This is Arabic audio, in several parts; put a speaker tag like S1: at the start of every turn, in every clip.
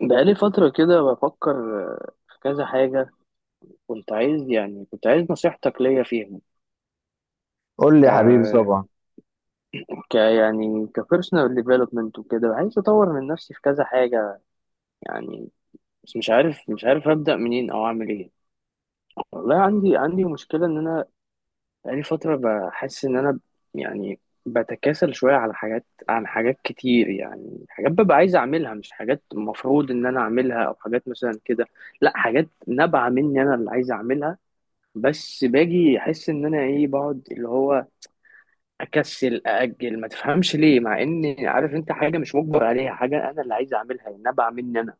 S1: بقالي فترة كده بفكر في كذا حاجة. كنت عايز يعني كنت عايز نصيحتك ليا فيهم.
S2: قول لي
S1: ك...
S2: يا حبيبي، طبعا.
S1: ك يعني كبيرسونال ديفلوبمنت وكده، عايز أطور من نفسي في كذا حاجة يعني، بس مش عارف أبدأ منين أو أعمل إيه. والله عندي مشكلة إن أنا بقالي فترة بحس إن أنا يعني بتكاسل شوية على حاجات، عن حاجات كتير، يعني حاجات ببقى عايز أعملها، مش حاجات المفروض إن أنا أعملها، أو حاجات مثلا كده. لا، حاجات نابعة مني، أنا اللي عايز أعملها، بس باجي احس ان انا ايه، بقعد اللي هو اكسل، ااجل، ما تفهمش ليه، مع ان عارف انت حاجه مش مجبر عليها، حاجه انا اللي عايز اعملها، النبع مني انا،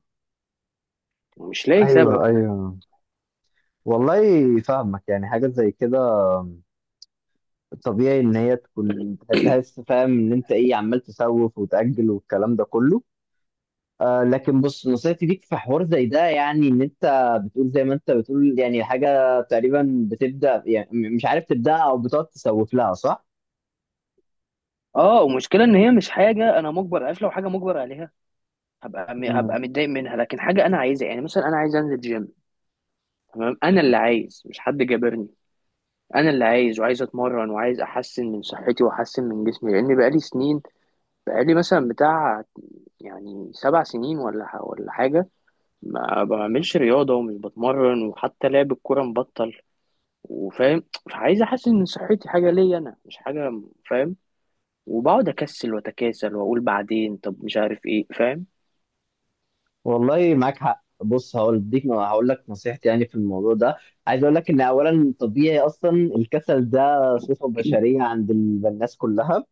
S1: ومش لاقي
S2: ايوه
S1: سبب.
S2: ايوه والله فاهمك، يعني حاجه زي كده طبيعي ان هي تكون، تحس فاهم ان انت ايه، عمال تسوف وتاجل والكلام ده كله. آه، لكن بص نصيحتي ليك في حوار زي ده، يعني ان انت بتقول زي ما انت بتقول، يعني حاجه تقريبا بتبدا، يعني مش عارف تبداها او بتقعد تسوف لها، صح؟
S1: اه، ومشكله ان هي مش حاجه انا مجبر، عارف، لو حاجه مجبر عليها هبقى م-
S2: مم.
S1: هبقى متضايق منها، لكن حاجه انا عايزها، يعني مثلا انا عايز انزل جيم. تمام، انا
S2: حلو.
S1: اللي عايز، مش حد جابرني، انا اللي عايز، وعايز اتمرن وعايز احسن من صحتي واحسن من جسمي، لان بقالي سنين، بقالي مثلا بتاع، يعني سبع سنين ولا حاجه ما بعملش رياضة ومش بتمرن، وحتى لعب الكورة مبطل، وفاهم، فعايز أحسن من صحتي حاجة ليا أنا، مش حاجة، فاهم. وبقعد أكسل وأتكاسل وأقول بعدين، طب مش عارف إيه، فاهم.
S2: والله معاك حق. بص، هقول اديك، هقول لك نصيحتي يعني في الموضوع ده. عايز اقول لك ان اولا طبيعي اصلا، الكسل ده صفة بشرية عند الناس كلها.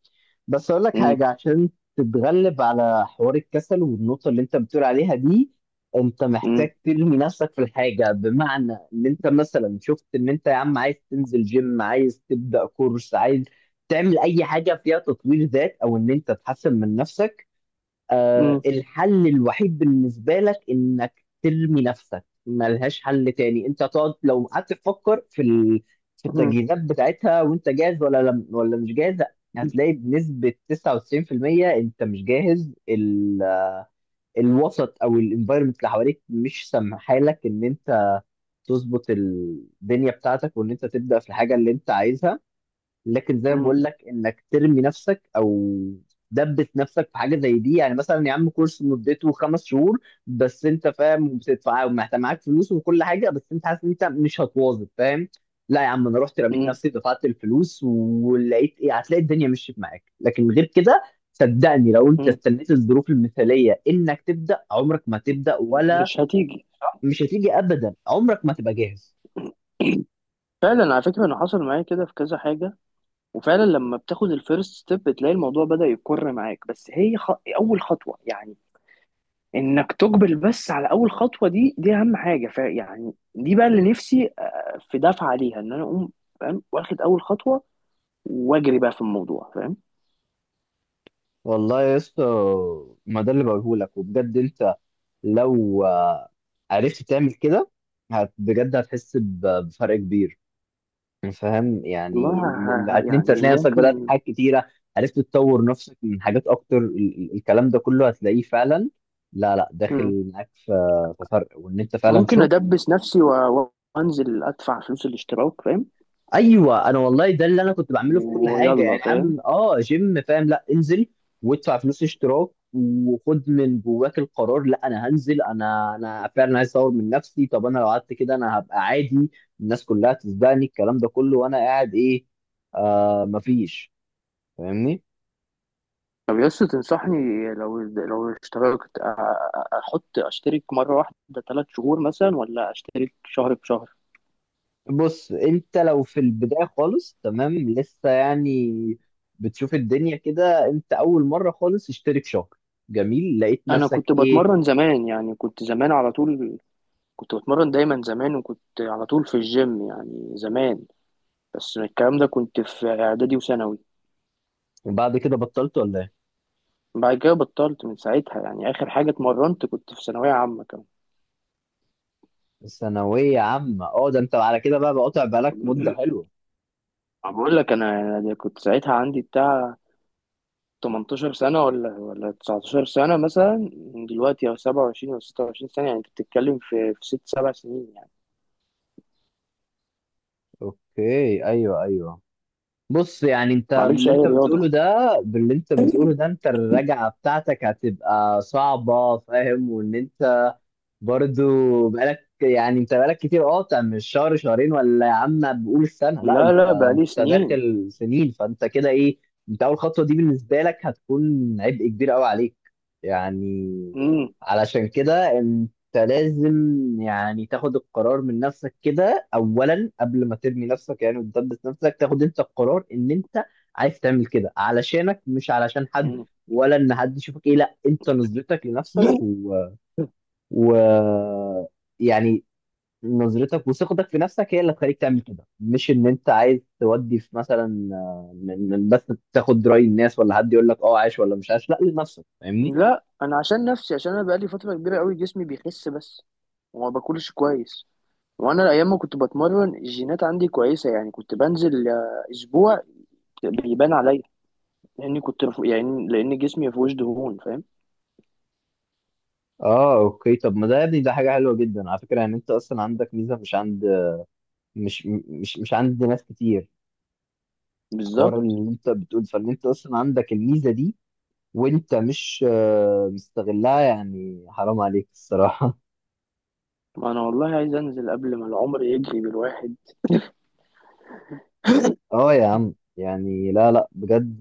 S2: بس اقول لك
S1: مم،
S2: حاجة عشان تتغلب على حوار الكسل والنقطة اللي انت بتقول عليها دي. انت
S1: مم،
S2: محتاج ترمي نفسك في الحاجة، بمعنى ان انت مثلا شفت ان انت يا عم عايز تنزل جيم، عايز تبدأ كورس، عايز تعمل اي حاجة فيها تطوير ذات، او ان انت تحسن من نفسك. آه،
S1: مم،
S2: الحل الوحيد بالنسبة لك إنك ترمي نفسك، ملهاش حل تاني. أنت تقعد، لو قعدت تفكر في في
S1: مم،
S2: التجهيزات بتاعتها، وأنت جاهز ولا لم... ولا مش جاهز، هتلاقي بنسبة 99% أنت مش جاهز. الوسط أو الانفايرمنت اللي حواليك مش سامحالك إن أنت تظبط الدنيا بتاعتك، وإن أنت تبدأ في الحاجة اللي أنت عايزها. لكن زي ما
S1: مم،
S2: بقول لك، انك ترمي نفسك او دبت نفسك في حاجه زي دي. يعني مثلا يا عم كورس مدته 5 شهور، بس انت فاهم، وبتدفع ومحتاج معاك فلوس وكل حاجه، بس انت حاسس ان انت مش هتواظب، فاهم؟ لا يا عم، انا رحت رميت
S1: مم،
S2: نفسي، دفعت الفلوس ولقيت ايه، هتلاقي الدنيا مشيت معاك. لكن غير كده، صدقني لو انت
S1: مم.
S2: استنيت الظروف المثاليه انك تبدا، عمرك ما تبدا. ولا
S1: مش هتيجي صح؟
S2: مش هتيجي ابدا، عمرك ما تبقى جاهز.
S1: فعلا على فكرة أنا حصل معايا كده في كذا حاجة، وفعلا لما بتاخد الفيرست ستيب بتلاقي الموضوع بدأ يكر معاك، بس هي أول خطوة، يعني انك تقبل، بس على اول خطوه دي اهم حاجه، ف يعني دي بقى اللي نفسي في دفعه عليها، ان انا اقوم، فاهم، واخد اول خطوه، واجري بقى في الموضوع، فاهم.
S2: والله يا اسطى، ما ده اللي بقوله لك. وبجد انت لو آه، عرفت تعمل كده، بجد هتحس بفرق كبير. فاهم يعني
S1: والله
S2: ان انت
S1: يعني
S2: هتلاقي نفسك بدأت في
S1: ممكن.
S2: حاجات كتيرة، عرفت تطور نفسك من حاجات اكتر. الكلام ده كله هتلاقيه فعلا، لا لا،
S1: مم.
S2: داخل معاك في في فرق، وان انت فعلا
S1: ممكن
S2: شفت.
S1: ادبس نفسي وانزل ادفع فلوس الاشتراك، فاهم،
S2: ايوه، انا والله ده اللي انا كنت بعمله في كل حاجه.
S1: ويلا،
S2: يعني
S1: فاهم.
S2: عم اه جيم، فاهم؟ لا، انزل وادفع فلوس اشتراك، وخد من جواك القرار، لا، انا هنزل، انا فعلا عايز اطور من نفسي. طب انا لو قعدت كده، انا هبقى عادي، الناس كلها تسبقني، الكلام ده كله وانا قاعد ايه؟ آه، مفيش. فاهمني؟
S1: طب يس، تنصحني لو اشتركت أ- أ- احط اشترك مره واحده ثلاث شهور مثلا، ولا اشترك شهر بشهر؟
S2: بص، انت لو في البدايه خالص تمام، لسه يعني بتشوف الدنيا كده، انت اول مره خالص، اشترك شهر. جميل، لقيت
S1: انا
S2: نفسك
S1: كنت
S2: ايه؟
S1: بتمرن زمان، يعني كنت زمان على طول، كنت بتمرن دايما زمان، وكنت على طول في الجيم يعني زمان، بس الكلام ده كنت في اعدادي وثانوي.
S2: وبعد كده بطلت ولا؟
S1: بعد كده بطلت من ساعتها، يعني اخر حاجه اتمرنت كنت في ثانويه عامه كمان.
S2: ثانوية عامة، اه، ده انت على كده بقى بقطع بالك مدة حلوة.
S1: بقول لك انا، كنت ساعتها عندي بتاع 18 سنه، ولا 19 سنه مثلا، دلوقتي او 27 او 26 سنه، يعني انت بتتكلم في ست سبع سنين، يعني
S2: اوكي، ايوه. بص يعني
S1: ما
S2: انت
S1: عملش
S2: باللي
S1: اي
S2: انت بتقوله
S1: رياضه.
S2: ده، باللي انت بتقوله ده، انت الرجعة بتاعتك هتبقى صعبة، فاهم؟ وان انت برضو بقالك يعني، انت بقالك كتير. اه بتاع من شهر شهرين، ولا يا عم بقول السنه، لا
S1: لا
S2: انت،
S1: لا، بقالي
S2: انت
S1: سنين.
S2: داخل سنين، فانت كده ايه. انت اول خطوه دي بالنسبه لك هتكون عبء كبير قوي عليك يعني.
S1: امم.
S2: علشان كده انت لازم يعني تاخد القرار من نفسك كده اولا، قبل ما ترمي نفسك يعني وتدبس نفسك، تاخد انت القرار ان انت عايز تعمل كده علشانك، مش علشان حد، ولا ان حد يشوفك ايه، لا، انت نظرتك لنفسك ويعني نظرتك وثقتك في نفسك هي اللي هتخليك تعمل كده. مش ان انت عايز تودي في مثلا آه، من بس تاخد رأي الناس، ولا حد يقول لك اه عايش ولا مش عايش، لا، لنفسك، فاهمني؟
S1: لا، انا عشان نفسي، عشان انا بقالي فتره كبيره قوي جسمي بيخس بس، وما باكلش كويس. وانا ايام ما كنت بتمرن الجينات عندي كويسه، يعني كنت بنزل اسبوع بيبان عليا، لاني كنت رفو، يعني لان جسمي ما فيهوش دهون، فاهم.
S2: اه، اوكي. طب ما ده يا ابني ده حاجة حلوة جدا على فكرة. يعني انت اصلا عندك ميزة مش عند، مش عند ناس كتير، حوار
S1: بالظبط.
S2: اللي انت بتقول. فان انت اصلا عندك الميزة دي وانت مش آه، مستغلها، يعني حرام عليك الصراحة.
S1: ما انا والله عايز انزل قبل ما العمر يجري بالواحد.
S2: اه يا عم، يعني لا لا، بجد.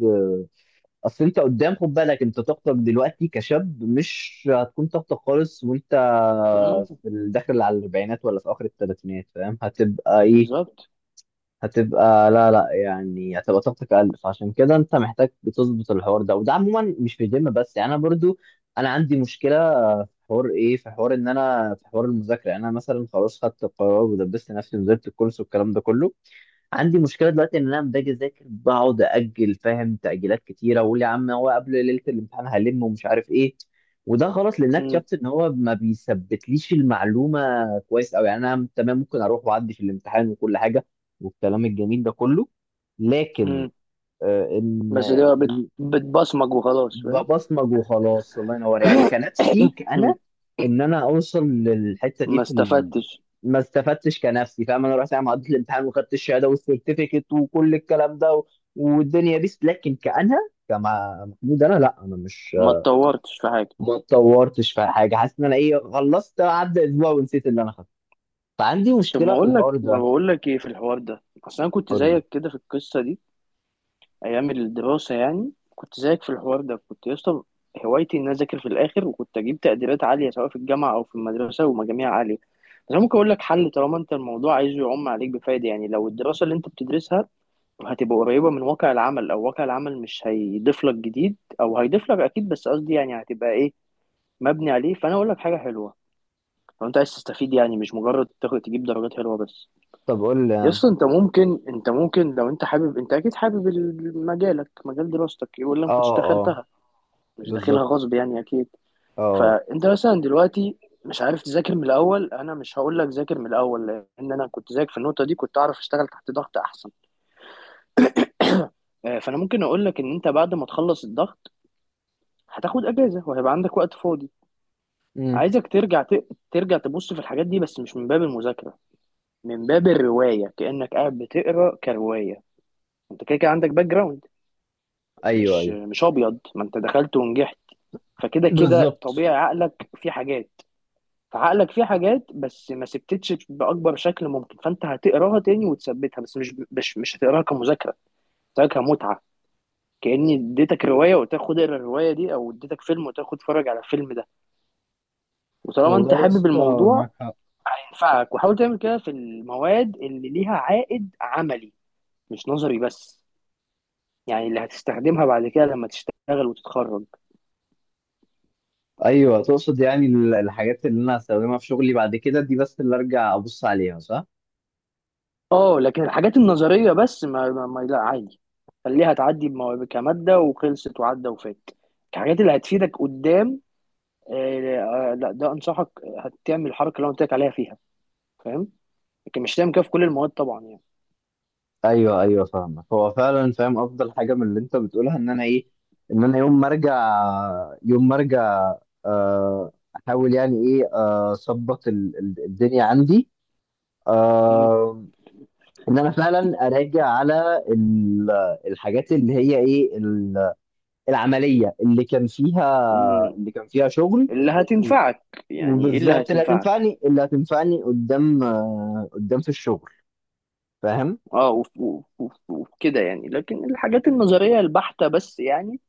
S2: اصل انت قدام، خد بالك، انت طاقتك دلوقتي كشاب مش هتكون طاقتك خالص وانت
S1: مم،
S2: في الداخل على الاربعينات ولا في اخر الثلاثينات، فاهم؟ هتبقى ايه،
S1: بالظبط.
S2: هتبقى، لا لا، يعني هتبقى طاقتك اقل. فعشان كده انت محتاج بتظبط الحوار ده. وده عموما مش في الجيم بس يعني. انا برضو انا عندي مشكله في حوار ايه، في حوار ان انا، في حوار المذاكره. يعني انا مثلا خلاص خدت القرار ودبست نفسي ونزلت الكورس والكلام ده كله، عندي مشكله دلوقتي ان انا لما باجي اذاكر، بقعد اجل، فاهم، تاجيلات كتيره، واقول يا عم هو قبل ليله الامتحان هلم، ومش عارف ايه. وده غلط لان أنا
S1: مم،
S2: اكتشفت ان هو ما بيثبتليش المعلومه كويس قوي. يعني انا تمام، ممكن اروح واعدي في الامتحان وكل حاجه والكلام الجميل ده كله، لكن
S1: مم.
S2: آه، ان
S1: بس ده بتبصمج وخلاص، فاهم.
S2: ببصمج وخلاص، الله ينور. يعني كنفسي
S1: مم.
S2: انا، ان انا اوصل للحته دي
S1: ما
S2: في
S1: استفدتش،
S2: ما استفدتش كنفسي، فاهم؟ انا رحت يعني عديت الامتحان وخدت الشهاده والسيرتيفيكت وكل الكلام ده، والدنيا بيس، لكن كأنا، كما محمود، انا لا، انا مش،
S1: ما اتطورتش في حاجه.
S2: ما اتطورتش في حاجه. حاسس ان انا ايه، خلصت عدى اسبوع ونسيت اللي انا خدته. فعندي
S1: طب،
S2: مشكله في الحوار
S1: ما
S2: ده.
S1: بقول لك ايه في الحوار ده، اصل انا كنت
S2: قول لي.
S1: زيك كده في القصه دي، ايام الدراسه، يعني كنت زيك في الحوار ده. كنت يا اسطى هوايتي ان أنا اذاكر في الاخر، وكنت اجيب تقديرات عاليه، سواء في الجامعه او في المدرسه، ومجاميع عاليه. بس انا ممكن اقول لك حل، طالما انت الموضوع عايزه يعم عليك بفايده، يعني لو الدراسه اللي انت بتدرسها هتبقى قريبه من واقع العمل، او واقع العمل مش هيضيف لك جديد، او هيضيف لك اكيد، بس قصدي يعني هتبقى ايه، مبني عليه، فانا اقول لك حاجه حلوه. لو انت عايز تستفيد، يعني مش مجرد تجيب درجات حلوه بس.
S2: طب قول لي.
S1: يس، انت ممكن لو انت حابب، انت اكيد حابب مجالك، مجال دراستك، ولا ما
S2: اه
S1: كنتش
S2: اه.
S1: دخلتها، مش داخلها
S2: بالظبط.
S1: غصب يعني، اكيد.
S2: اه.
S1: فانت مثلا دلوقتي مش عارف تذاكر من الاول، انا مش هقول لك ذاكر من الاول، لان انا كنت ذاكر في النقطه دي، كنت اعرف اشتغل تحت ضغط احسن. فانا ممكن اقول لك ان انت بعد ما تخلص الضغط هتاخد اجازه، وهيبقى عندك وقت فاضي.
S2: امم.
S1: عايزك ترجع ترجع تبص في الحاجات دي، بس مش من باب المذاكره، من باب الروايه، كانك قاعد بتقرا كروايه. انت كده كده عندك باك جراوند،
S2: ايوه
S1: مش
S2: ايوه.
S1: مش ابيض، ما انت دخلت ونجحت، فكده كده
S2: بالظبط.
S1: طبيعي عقلك فيه حاجات. فعقلك فيه حاجات بس ما سبتتش باكبر شكل ممكن، فانت هتقراها تاني وتثبتها، بس مش هتقراها كمذاكره، هتقراها كمتعه، كاني اديتك روايه وتاخد اقرا الروايه دي، او اديتك فيلم وتاخد اتفرج على الفيلم ده، وطالما
S2: والله
S1: انت
S2: يا
S1: حابب
S2: اسطى معاك
S1: الموضوع
S2: حق.
S1: هينفعك. وحاول تعمل كده في المواد اللي ليها عائد عملي، مش نظري بس، يعني اللي هتستخدمها بعد كده لما تشتغل وتتخرج.
S2: ايوه، تقصد يعني الحاجات اللي انا هستخدمها في شغلي بعد كده دي بس اللي ارجع ابص عليها، صح؟
S1: اه، لكن الحاجات النظريه بس ما, ما, ما لا، عادي، خليها تعدي كماده وخلصت وعدى وفات. الحاجات اللي هتفيدك قدام، آه، لا، ده انصحك هتعمل الحركه اللي انا قلت لك عليها فيها، فاهم، لكن مش هتعمل كده في كل المواد طبعا، يعني.
S2: ايوه ايوه، فاهمك. هو فعلا فاهم افضل حاجه من اللي انت بتقولها، ان انا ايه، ان انا يوم ما ارجع، يوم ما ارجع، آه، احاول يعني ايه آه، اظبط الدنيا عندي
S1: مم.
S2: آه، ان انا فعلا اراجع على الحاجات اللي هي ايه العمليه اللي كان فيها،
S1: مم.
S2: اللي كان فيها شغل.
S1: اللي هتنفعك، يعني ايه اللي
S2: وبالظبط اللي
S1: هتنفعك.
S2: هتنفعني، اللي هتنفعني قدام آه، قدام في الشغل، فاهم؟
S1: اه، وكده يعني، لكن الحاجات النظريه البحته بس، يعني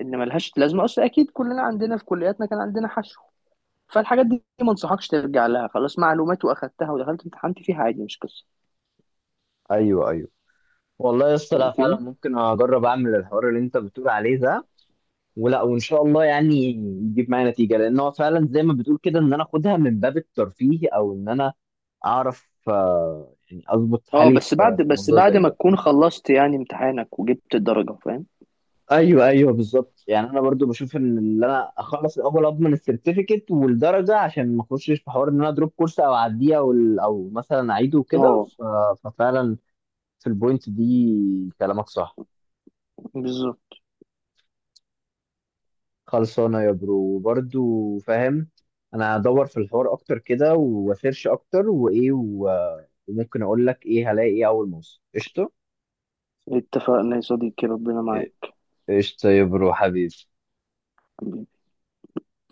S1: ان ملهاش لازمه، اصل اكيد كلنا عندنا في كلياتنا كان عندنا حشو، فالحاجات دي ما انصحكش ترجع لها، خلاص معلومات واخدتها ودخلت امتحنت فيها عادي، مش قصه.
S2: ايوه ايوه. والله يا اسطى، لا فعلا
S1: فهمتني.
S2: ممكن اجرب اعمل الحوار اللي انت بتقول عليه ده، ولا وان شاء الله يعني يجيب معايا نتيجه. لان هو فعلا زي ما بتقول كده، ان انا اخدها من باب الترفيه، او ان انا اعرف آه، يعني اظبط
S1: اه،
S2: حالي
S1: بس
S2: في
S1: بعد
S2: في
S1: بس
S2: موضوع
S1: بعد
S2: زي
S1: ما
S2: ده.
S1: تكون خلصت يعني امتحانك وجبت الدرجه، فاهم.
S2: ايوه ايوه بالظبط. يعني انا برضو بشوف ان اللي، انا اخلص الاول اضمن السيرتيفيكت والدرجه، عشان ما اخشش في حوار ان انا ادروب كورس او اعديه، او او مثلا اعيده وكده.
S1: اه،
S2: ففعلا في البوينت دي كلامك صح.
S1: بالظبط.
S2: خلصانه يا برو. وبرضو فاهم، انا هدور في الحوار اكتر كده، واسيرش اكتر، وايه وممكن اقول لك ايه هلاقي. ايه اول ما اوصل، قشطه.
S1: اتفقنا يا صديقي، ربنا معاك.
S2: قشطه يا برو حبيبي.